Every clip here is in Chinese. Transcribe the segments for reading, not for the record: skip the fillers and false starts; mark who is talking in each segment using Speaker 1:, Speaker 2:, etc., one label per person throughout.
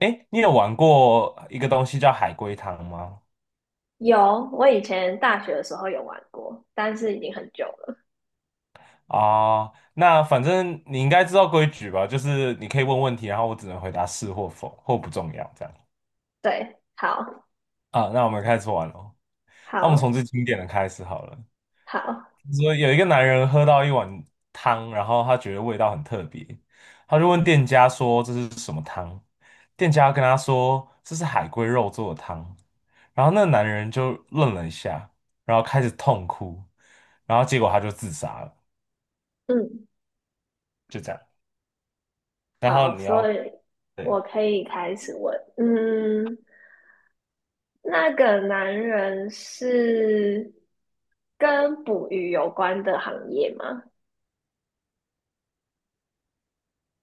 Speaker 1: 诶，你有玩过一个东西叫海龟汤吗？
Speaker 2: 有，我以前大学的时候有玩过，但是已经很久了。
Speaker 1: 啊、那反正你应该知道规矩吧？就是你可以问问题，然后我只能回答是或否，或不重要这样。
Speaker 2: 对，好，
Speaker 1: 啊，那我们开始玩喽。那我们从
Speaker 2: 好。
Speaker 1: 最经典的开始好了。
Speaker 2: 好。
Speaker 1: 说有一个男人喝到一碗汤，然后他觉得味道很特别，他就问店家说这是什么汤，店家跟他说这是海龟肉做的汤，然后那个男人就愣了一下，然后开始痛哭，然后结果他就自杀了，
Speaker 2: 嗯。
Speaker 1: 就这样。然后
Speaker 2: 好，
Speaker 1: 你
Speaker 2: 所
Speaker 1: 要
Speaker 2: 以
Speaker 1: 对
Speaker 2: 我可以开始问。嗯，那个男人是跟捕鱼有关的行业吗？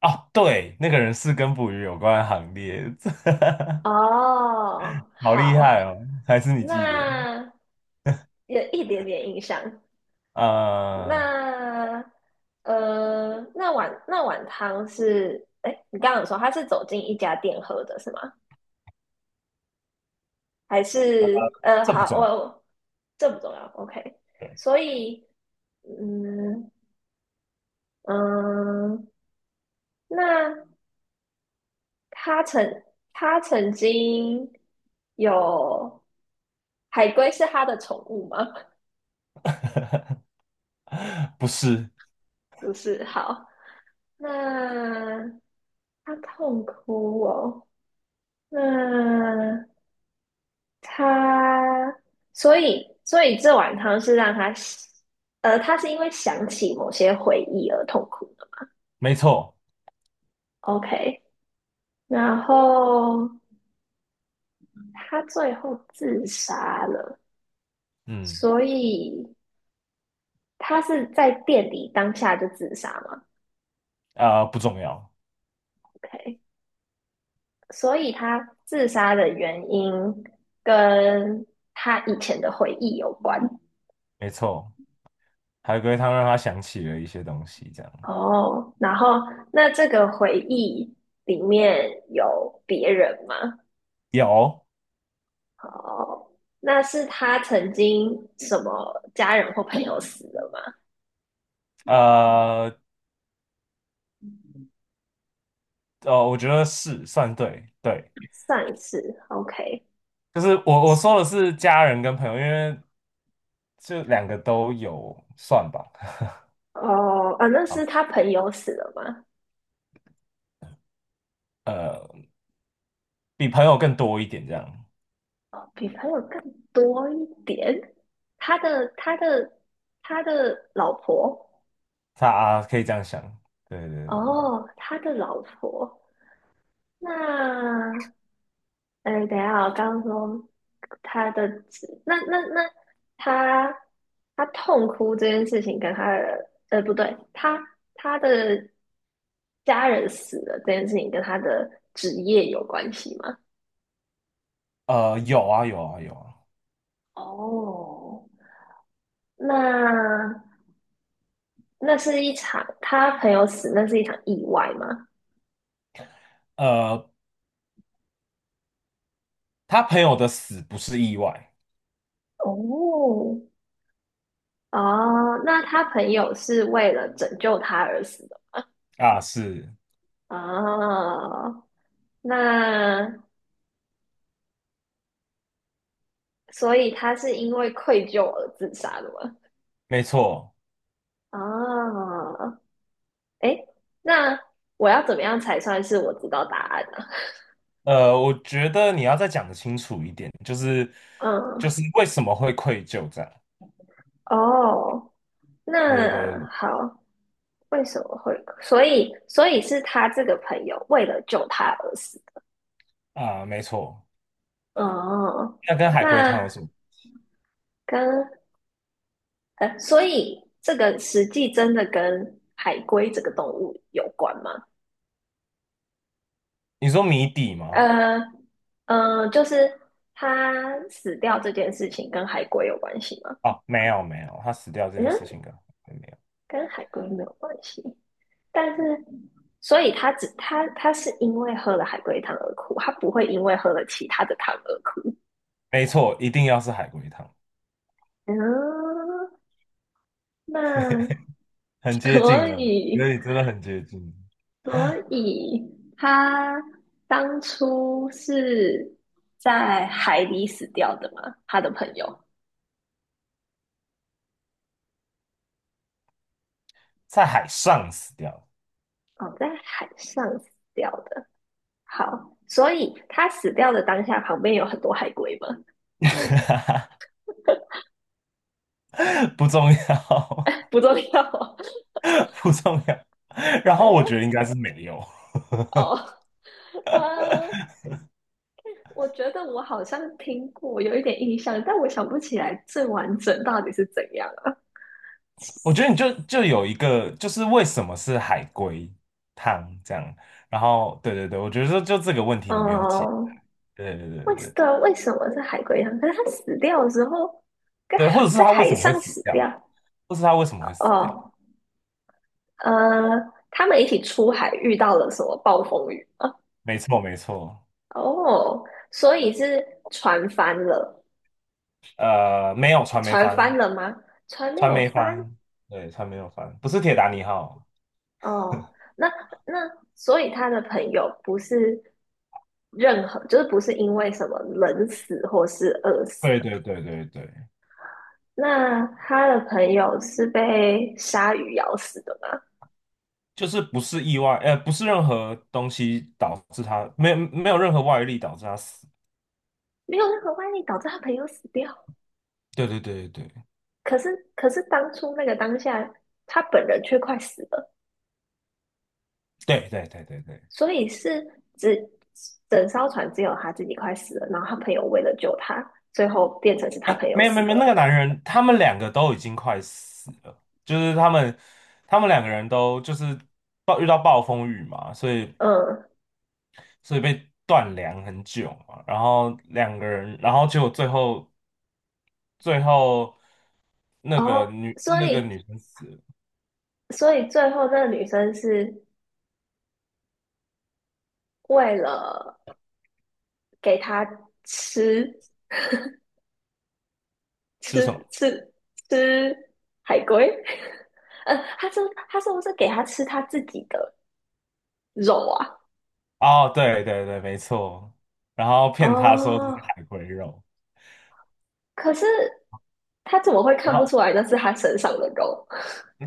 Speaker 1: 哦，对，那个人是跟捕鱼有关的行列，
Speaker 2: 哦，
Speaker 1: 好厉
Speaker 2: 好，
Speaker 1: 害哦，还是你记得？
Speaker 2: 那有一点点印象。
Speaker 1: 呃，
Speaker 2: 那那碗汤是，哎，你刚刚有说他是走进一家店喝的是吗？还是
Speaker 1: 这不
Speaker 2: 好，我
Speaker 1: 重要，
Speaker 2: 我这不重要，OK。
Speaker 1: 对，
Speaker 2: 所以，嗯。嗯，那他曾他曾经有海龟是他的宠物吗？
Speaker 1: 不是，
Speaker 2: 不是，好，那他痛哭哦，那。他，所以这碗汤是让他，他是因为想起某些回忆而痛苦的。
Speaker 1: 没错。
Speaker 2: OK,然后他最后自杀了，
Speaker 1: 嗯
Speaker 2: 所以他是在店里当下就自杀嘛
Speaker 1: 啊、不重要，
Speaker 2: ？OK,所以他自杀的原因跟他以前的回忆有关。
Speaker 1: 没错，海龟汤让他想起了一些东西，这样
Speaker 2: 哦，然后那这个回忆里面有别人吗？
Speaker 1: 有
Speaker 2: 哦，那是他曾经什么家人或朋友死了吗？
Speaker 1: 呃我觉得是算对对，
Speaker 2: 上一次，OK。
Speaker 1: 就是我说的是家人跟朋友，因为这两个都有算吧，
Speaker 2: 哦，啊，那 是
Speaker 1: 好
Speaker 2: 他朋友死了吗？
Speaker 1: 呃，比朋友更多一点这样，
Speaker 2: 哦，比朋友更多一点。他的他的老婆。
Speaker 1: 他啊可以这样想，对对对对，
Speaker 2: 哦，他的老婆，那哎，等一下，我刚刚说他的指，那他他痛哭这件事情跟他的，不对，他的家人死了这件事情跟他的职业有关系吗？
Speaker 1: 有啊有啊有啊，
Speaker 2: 哦，那那是一场他朋友死，那是一场意外吗？
Speaker 1: 呃，他朋友的死不是意外
Speaker 2: 哦。哦，那他朋友是为了拯救他而死的。
Speaker 1: 啊，是
Speaker 2: 哦，那所以他是因为愧疚而自杀的吗？
Speaker 1: 没错。
Speaker 2: 啊，哎，那我要怎么样才算是我知道答案呢？
Speaker 1: 我觉得你要再讲得清楚一点，就是就
Speaker 2: 嗯。
Speaker 1: 是为什么会愧疚这样？
Speaker 2: 哦，
Speaker 1: 对对
Speaker 2: 那
Speaker 1: 对
Speaker 2: 好，为什么会？所以是他这个朋友为了救他而死。
Speaker 1: 啊，没错。
Speaker 2: 哦，
Speaker 1: 那跟海龟汤有
Speaker 2: 那
Speaker 1: 什么？
Speaker 2: 跟所以这个实际真的跟海龟这个动物有关吗？
Speaker 1: 你说谜底吗？
Speaker 2: 呃就是他死掉这件事情跟海龟有关系吗？
Speaker 1: 哦，没有没有，他死掉这件
Speaker 2: 嗯，
Speaker 1: 事情跟海龟没有。
Speaker 2: 跟海龟没有关系，但是所以他只他他是因为喝了海龟汤而哭，他不会因为喝了其他的汤而哭。
Speaker 1: 没错，一定要是海龟汤，
Speaker 2: 嗯，那
Speaker 1: 很接近
Speaker 2: 所
Speaker 1: 了，觉
Speaker 2: 以
Speaker 1: 得你真的很接近，
Speaker 2: 所以他当初是在海里死掉的吗？他的朋友
Speaker 1: 在海上死掉，
Speaker 2: 哦，在海上死掉的。好，所以他死掉的当下，旁边有很多海龟吗？
Speaker 1: 不重要，
Speaker 2: 不重要。
Speaker 1: 不重要。然后我
Speaker 2: 哎，
Speaker 1: 觉得应该是没有。
Speaker 2: 哦，呃，我觉得我好像听过，有一点印象，但我想不起来最完整到底是怎样了。
Speaker 1: 我觉得你就有一个，就是为什么是海龟汤这样，然后对对对，我觉得就这个问题你没有解，
Speaker 2: 哦，
Speaker 1: 对对对对
Speaker 2: 为什
Speaker 1: 对，
Speaker 2: 对啊为什么是海龟汤？可是他死掉的时候，跟
Speaker 1: 对或
Speaker 2: 海
Speaker 1: 者是
Speaker 2: 在
Speaker 1: 它为
Speaker 2: 海
Speaker 1: 什么会
Speaker 2: 上
Speaker 1: 死
Speaker 2: 死
Speaker 1: 掉，
Speaker 2: 掉。
Speaker 1: 或是它为什么会死掉，
Speaker 2: 哦，呃，他们一起出海遇到了什么暴风雨吗？
Speaker 1: 没错没错，
Speaker 2: 哦，所以是船翻了，
Speaker 1: 没有传媒
Speaker 2: 船
Speaker 1: 翻，
Speaker 2: 翻了吗？船没
Speaker 1: 传
Speaker 2: 有
Speaker 1: 媒
Speaker 2: 翻。
Speaker 1: 翻，对，船没有翻，不是铁达尼号，
Speaker 2: 哦，那所以他的朋友不是任何，就是不是因为什么冷死或是饿死，
Speaker 1: 对对对对对，
Speaker 2: 那他的朋友是被鲨鱼咬死的吗？
Speaker 1: 就是不是意外，不是任何东西导致它，没有没有任何外力导致它死，
Speaker 2: 没有任何外力导致他朋友死掉，
Speaker 1: 对对对对
Speaker 2: 可是当初那个当下，他本人却快死了，
Speaker 1: 对对对对对对。
Speaker 2: 所以是只整艘船只有他自己快死了，然后他朋友为了救他，最后变成是他
Speaker 1: 哎，
Speaker 2: 朋友
Speaker 1: 没有没
Speaker 2: 死
Speaker 1: 有没有，那个
Speaker 2: 了。
Speaker 1: 男人，他们两个都已经快死了，就是他们两个人都就是遇到暴风雨嘛，所以
Speaker 2: 嗯。
Speaker 1: 所以被断粮很久嘛，然后两个人，然后结果最后那个
Speaker 2: 哦。
Speaker 1: 女
Speaker 2: 所
Speaker 1: 那个
Speaker 2: 以
Speaker 1: 女生死了，
Speaker 2: 所以最后那个女生是为了给他吃
Speaker 1: 吃什么？
Speaker 2: 吃吃吃海龟。呃，他是他是不是给他吃他自己的肉啊？
Speaker 1: 哦，对对对，没错，然后骗他说这
Speaker 2: 哦，
Speaker 1: 是海龟肉，
Speaker 2: 可是他怎么会
Speaker 1: 然
Speaker 2: 看不
Speaker 1: 后
Speaker 2: 出来那是他身上的肉？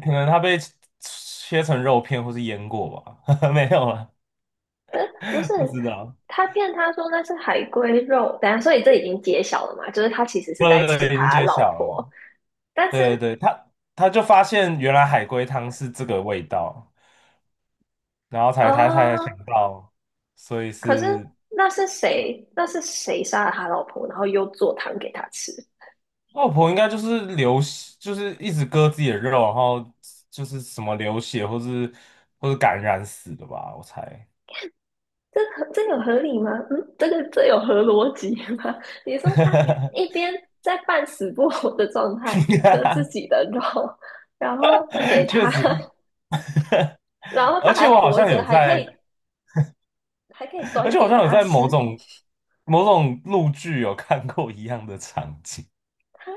Speaker 1: 可能他被切成肉片或是腌过吧，没有了，
Speaker 2: 呃不是，
Speaker 1: 不知道，
Speaker 2: 他骗他说那是海龟肉，等一下，所以这已经揭晓了嘛？就是他其实
Speaker 1: 不
Speaker 2: 是在
Speaker 1: 不不，
Speaker 2: 吃
Speaker 1: 已经
Speaker 2: 他
Speaker 1: 揭
Speaker 2: 老
Speaker 1: 晓了。
Speaker 2: 婆，但
Speaker 1: 对对
Speaker 2: 是
Speaker 1: 对，他就发现原来海龟汤是这个味道，然后才他才想
Speaker 2: 哦，
Speaker 1: 到，所以
Speaker 2: 可是
Speaker 1: 是
Speaker 2: 那是谁？那是谁杀了他老婆，然后又做汤给他吃？
Speaker 1: 外婆应该就是流血，就是一直割自己的肉，然后就是什么流血或是感染死的吧，我猜。
Speaker 2: 这合这有合理吗？嗯，这个这有合逻辑吗？你说他一 边在半死不活的状态割自己的肉，然后给
Speaker 1: 确
Speaker 2: 他。
Speaker 1: 实，
Speaker 2: 然后他
Speaker 1: 而且
Speaker 2: 还
Speaker 1: 我好
Speaker 2: 活
Speaker 1: 像
Speaker 2: 着，
Speaker 1: 有
Speaker 2: 还可
Speaker 1: 在，
Speaker 2: 以
Speaker 1: 而
Speaker 2: 端
Speaker 1: 且我好
Speaker 2: 给
Speaker 1: 像有
Speaker 2: 他
Speaker 1: 在某
Speaker 2: 吃。
Speaker 1: 种某种陆剧有看过一样的场景，
Speaker 2: 他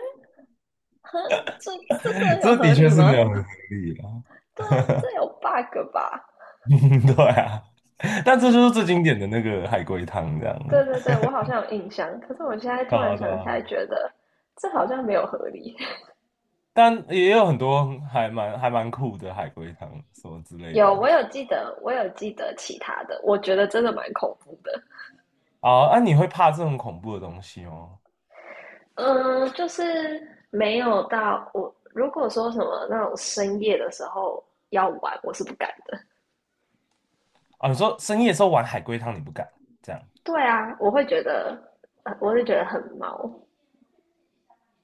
Speaker 2: 呵，这这 有
Speaker 1: 这
Speaker 2: 合
Speaker 1: 的确
Speaker 2: 理
Speaker 1: 是没有
Speaker 2: 吗？
Speaker 1: 很合理
Speaker 2: 对啊，这有 bug 吧？
Speaker 1: 嗯，对啊，但这就是最经典的那个海龟汤这
Speaker 2: 对
Speaker 1: 样，
Speaker 2: 对对，我好像有印象，可是我现在
Speaker 1: 对
Speaker 2: 突然
Speaker 1: 啊对
Speaker 2: 想起
Speaker 1: 啊，
Speaker 2: 来，觉得这好像没有合理。
Speaker 1: 但也有很多还蛮酷的海龟汤什么之类的
Speaker 2: 有，我有记得，其他的，我觉得真的蛮恐怖的。
Speaker 1: 哦啊，那你会怕这种恐怖的东西哦？
Speaker 2: 嗯，就是没有到我，如果说什么那种深夜的时候要玩，我是不敢的。
Speaker 1: 啊，你说深夜的时候玩海龟汤你不敢这样
Speaker 2: 对啊，我会觉得，我会觉得很毛。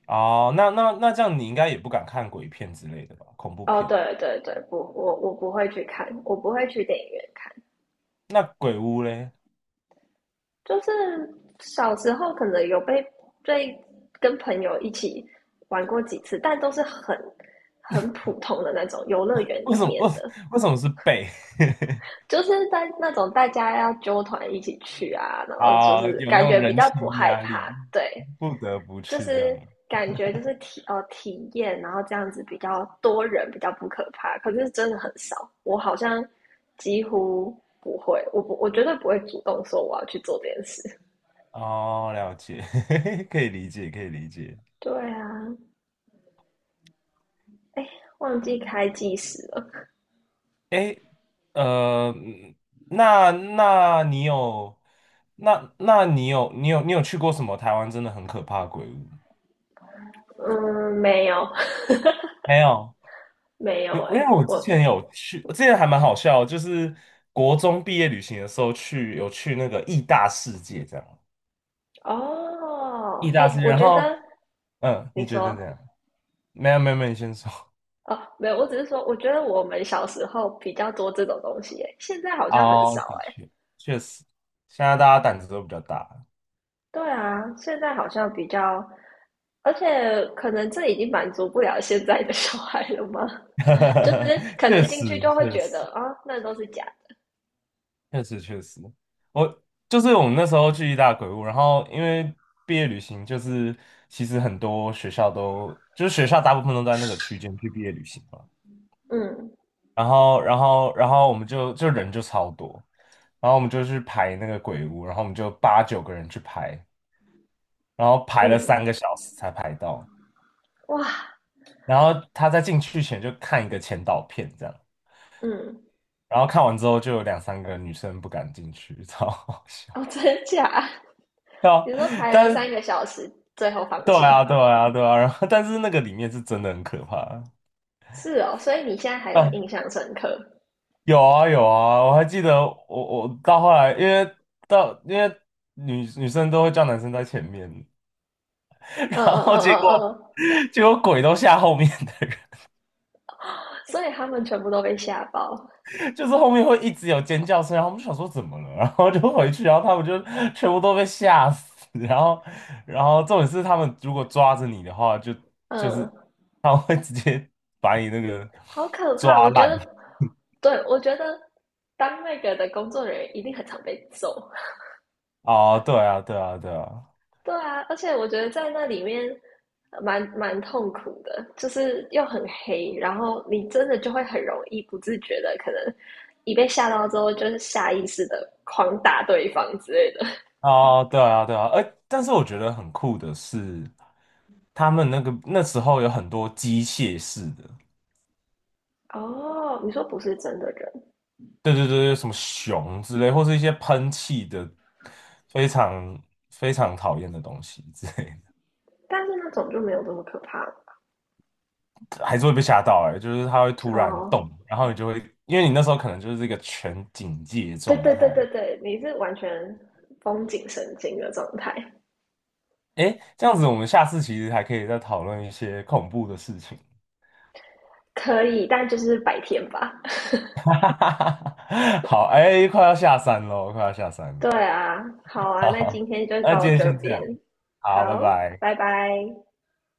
Speaker 1: 哦？那这样你应该也不敢看鬼片之类的吧？恐怖
Speaker 2: 哦，
Speaker 1: 片？
Speaker 2: 对对对，不，我不会去看，我不会去电影院看。
Speaker 1: 那鬼屋嘞？
Speaker 2: 就是小时候可能有被跟朋友一起玩过几次，但都是很普通的那种游乐园
Speaker 1: 为
Speaker 2: 里
Speaker 1: 什么
Speaker 2: 面
Speaker 1: 为
Speaker 2: 的。
Speaker 1: 为什么是背
Speaker 2: 就是在那种大家要揪团一起去啊，然 后就
Speaker 1: 啊？
Speaker 2: 是
Speaker 1: 有那
Speaker 2: 感
Speaker 1: 种
Speaker 2: 觉比
Speaker 1: 人
Speaker 2: 较不
Speaker 1: 情
Speaker 2: 害
Speaker 1: 压
Speaker 2: 怕，
Speaker 1: 力，
Speaker 2: 对，
Speaker 1: 不得不
Speaker 2: 就
Speaker 1: 去这样。
Speaker 2: 是感觉就是体验，然后这样子比较多人比较不可怕，可是真的很少，我好像几乎不会，我绝对不会主动说我要去做这件事。
Speaker 1: 哦，了解，可以理解，可以理解。
Speaker 2: 对啊，哎，忘记开计时了。
Speaker 1: 哎，呃，嗯那那你有，那那你有，你有，你有去过什么台湾真的很可怕的鬼屋？
Speaker 2: 嗯，
Speaker 1: 没有，
Speaker 2: 没
Speaker 1: 因
Speaker 2: 有。
Speaker 1: 为
Speaker 2: 欸
Speaker 1: 因
Speaker 2: 哎，
Speaker 1: 为我之前有去，之前还蛮好笑的就是国中毕业旅行的时候去，有去那个义大世界这样，义
Speaker 2: 哦，
Speaker 1: 大
Speaker 2: 哎，
Speaker 1: 世界，
Speaker 2: 我
Speaker 1: 然
Speaker 2: 觉
Speaker 1: 后
Speaker 2: 得你
Speaker 1: 你觉得
Speaker 2: 说。
Speaker 1: 怎样？没有没有没有，你先说。
Speaker 2: 哦，没有，我只是说，我觉得我们小时候比较多这种东西诶，现在好像很少
Speaker 1: 哦，的
Speaker 2: 诶。
Speaker 1: 确，确实，现在大家胆子都比较大。
Speaker 2: 对啊，现在好像比较，而且可能这已经满足不了现在的小孩了吗？就是 可
Speaker 1: 确
Speaker 2: 能进
Speaker 1: 实，
Speaker 2: 去就会
Speaker 1: 确
Speaker 2: 觉
Speaker 1: 实，
Speaker 2: 得啊，那都是假
Speaker 1: 确实，确实，我就是我们那时候去意大鬼屋，然后因为毕业旅行，就是其实很多学校都，就是学校大部分都在那个区间去毕业旅行嘛，
Speaker 2: 的。嗯。
Speaker 1: 然后我们就人就超多，然后我们就去排那个鬼屋，然后我们就八九个人去排，然后排了
Speaker 2: 嗯，
Speaker 1: 3个小时才排到，
Speaker 2: 哇，
Speaker 1: 然后他在进去前就看一个前导片这样，
Speaker 2: 嗯。
Speaker 1: 然后看完之后就有两三个女生不敢进去，超好笑。
Speaker 2: 哦，真假？你
Speaker 1: 啊，
Speaker 2: 说排了三
Speaker 1: 但
Speaker 2: 个小时，最后放
Speaker 1: 对啊，
Speaker 2: 弃，
Speaker 1: 对啊，对啊，然后但是那个里面是真的很可怕
Speaker 2: 是哦，所以你现在还有
Speaker 1: 啊，
Speaker 2: 印象深刻？
Speaker 1: 有啊有啊，我还记得我到后来，因为到因为女生都会叫男生在前面，
Speaker 2: 嗯。
Speaker 1: 然
Speaker 2: 嗯，
Speaker 1: 后
Speaker 2: 嗯
Speaker 1: 结
Speaker 2: 嗯
Speaker 1: 果
Speaker 2: 嗯，
Speaker 1: 结果鬼都吓后面的
Speaker 2: 嗯所以他们全部都被吓爆。
Speaker 1: 人，就是后面会一直有尖叫声，然后我们就想说怎么了，然后就回去，然后他们就全部都被吓死，然后重点是他们如果抓着你的话，就是
Speaker 2: 嗯。
Speaker 1: 他们会直接把你那个
Speaker 2: 好可怕！
Speaker 1: 抓
Speaker 2: 我觉得，
Speaker 1: 烂。
Speaker 2: 对，我觉得当那个的工作人员一定很常被揍。
Speaker 1: 哦，对啊，对啊，对啊，
Speaker 2: 对啊，而且我觉得在那里面蛮痛苦的，就是又很黑，然后你真的就会很容易不自觉的，可能一被吓到之后，就是下意识的狂打对方之类的。
Speaker 1: 哦，对啊，对啊，哎，但是我觉得很酷的是，他们那个那时候有很多机械式的，
Speaker 2: 哦，你说不是真的人，
Speaker 1: 对对对对，什么熊之类，或是一些喷气的，非常非常讨厌的东西之类
Speaker 2: 但是那种就没有这么可怕
Speaker 1: 的，还是会被吓到哎、就是它会突然
Speaker 2: 哦。
Speaker 1: 动，然后你就会，因为你那时候可能就是一个全警戒
Speaker 2: 对
Speaker 1: 状
Speaker 2: 对对
Speaker 1: 态，
Speaker 2: 对对，你是完全绷紧神经的状态。
Speaker 1: 哎，这样子我们下次其实还可以再讨论一些恐怖的事情。
Speaker 2: 可以，但就是白天吧。
Speaker 1: 好，哎，快要下山了，快要下山了。
Speaker 2: 对啊，好 啊，那今
Speaker 1: 好，
Speaker 2: 天就
Speaker 1: 那
Speaker 2: 到
Speaker 1: 今天
Speaker 2: 这
Speaker 1: 先这样，
Speaker 2: 边，
Speaker 1: 好，拜
Speaker 2: 好，
Speaker 1: 拜。
Speaker 2: 拜拜。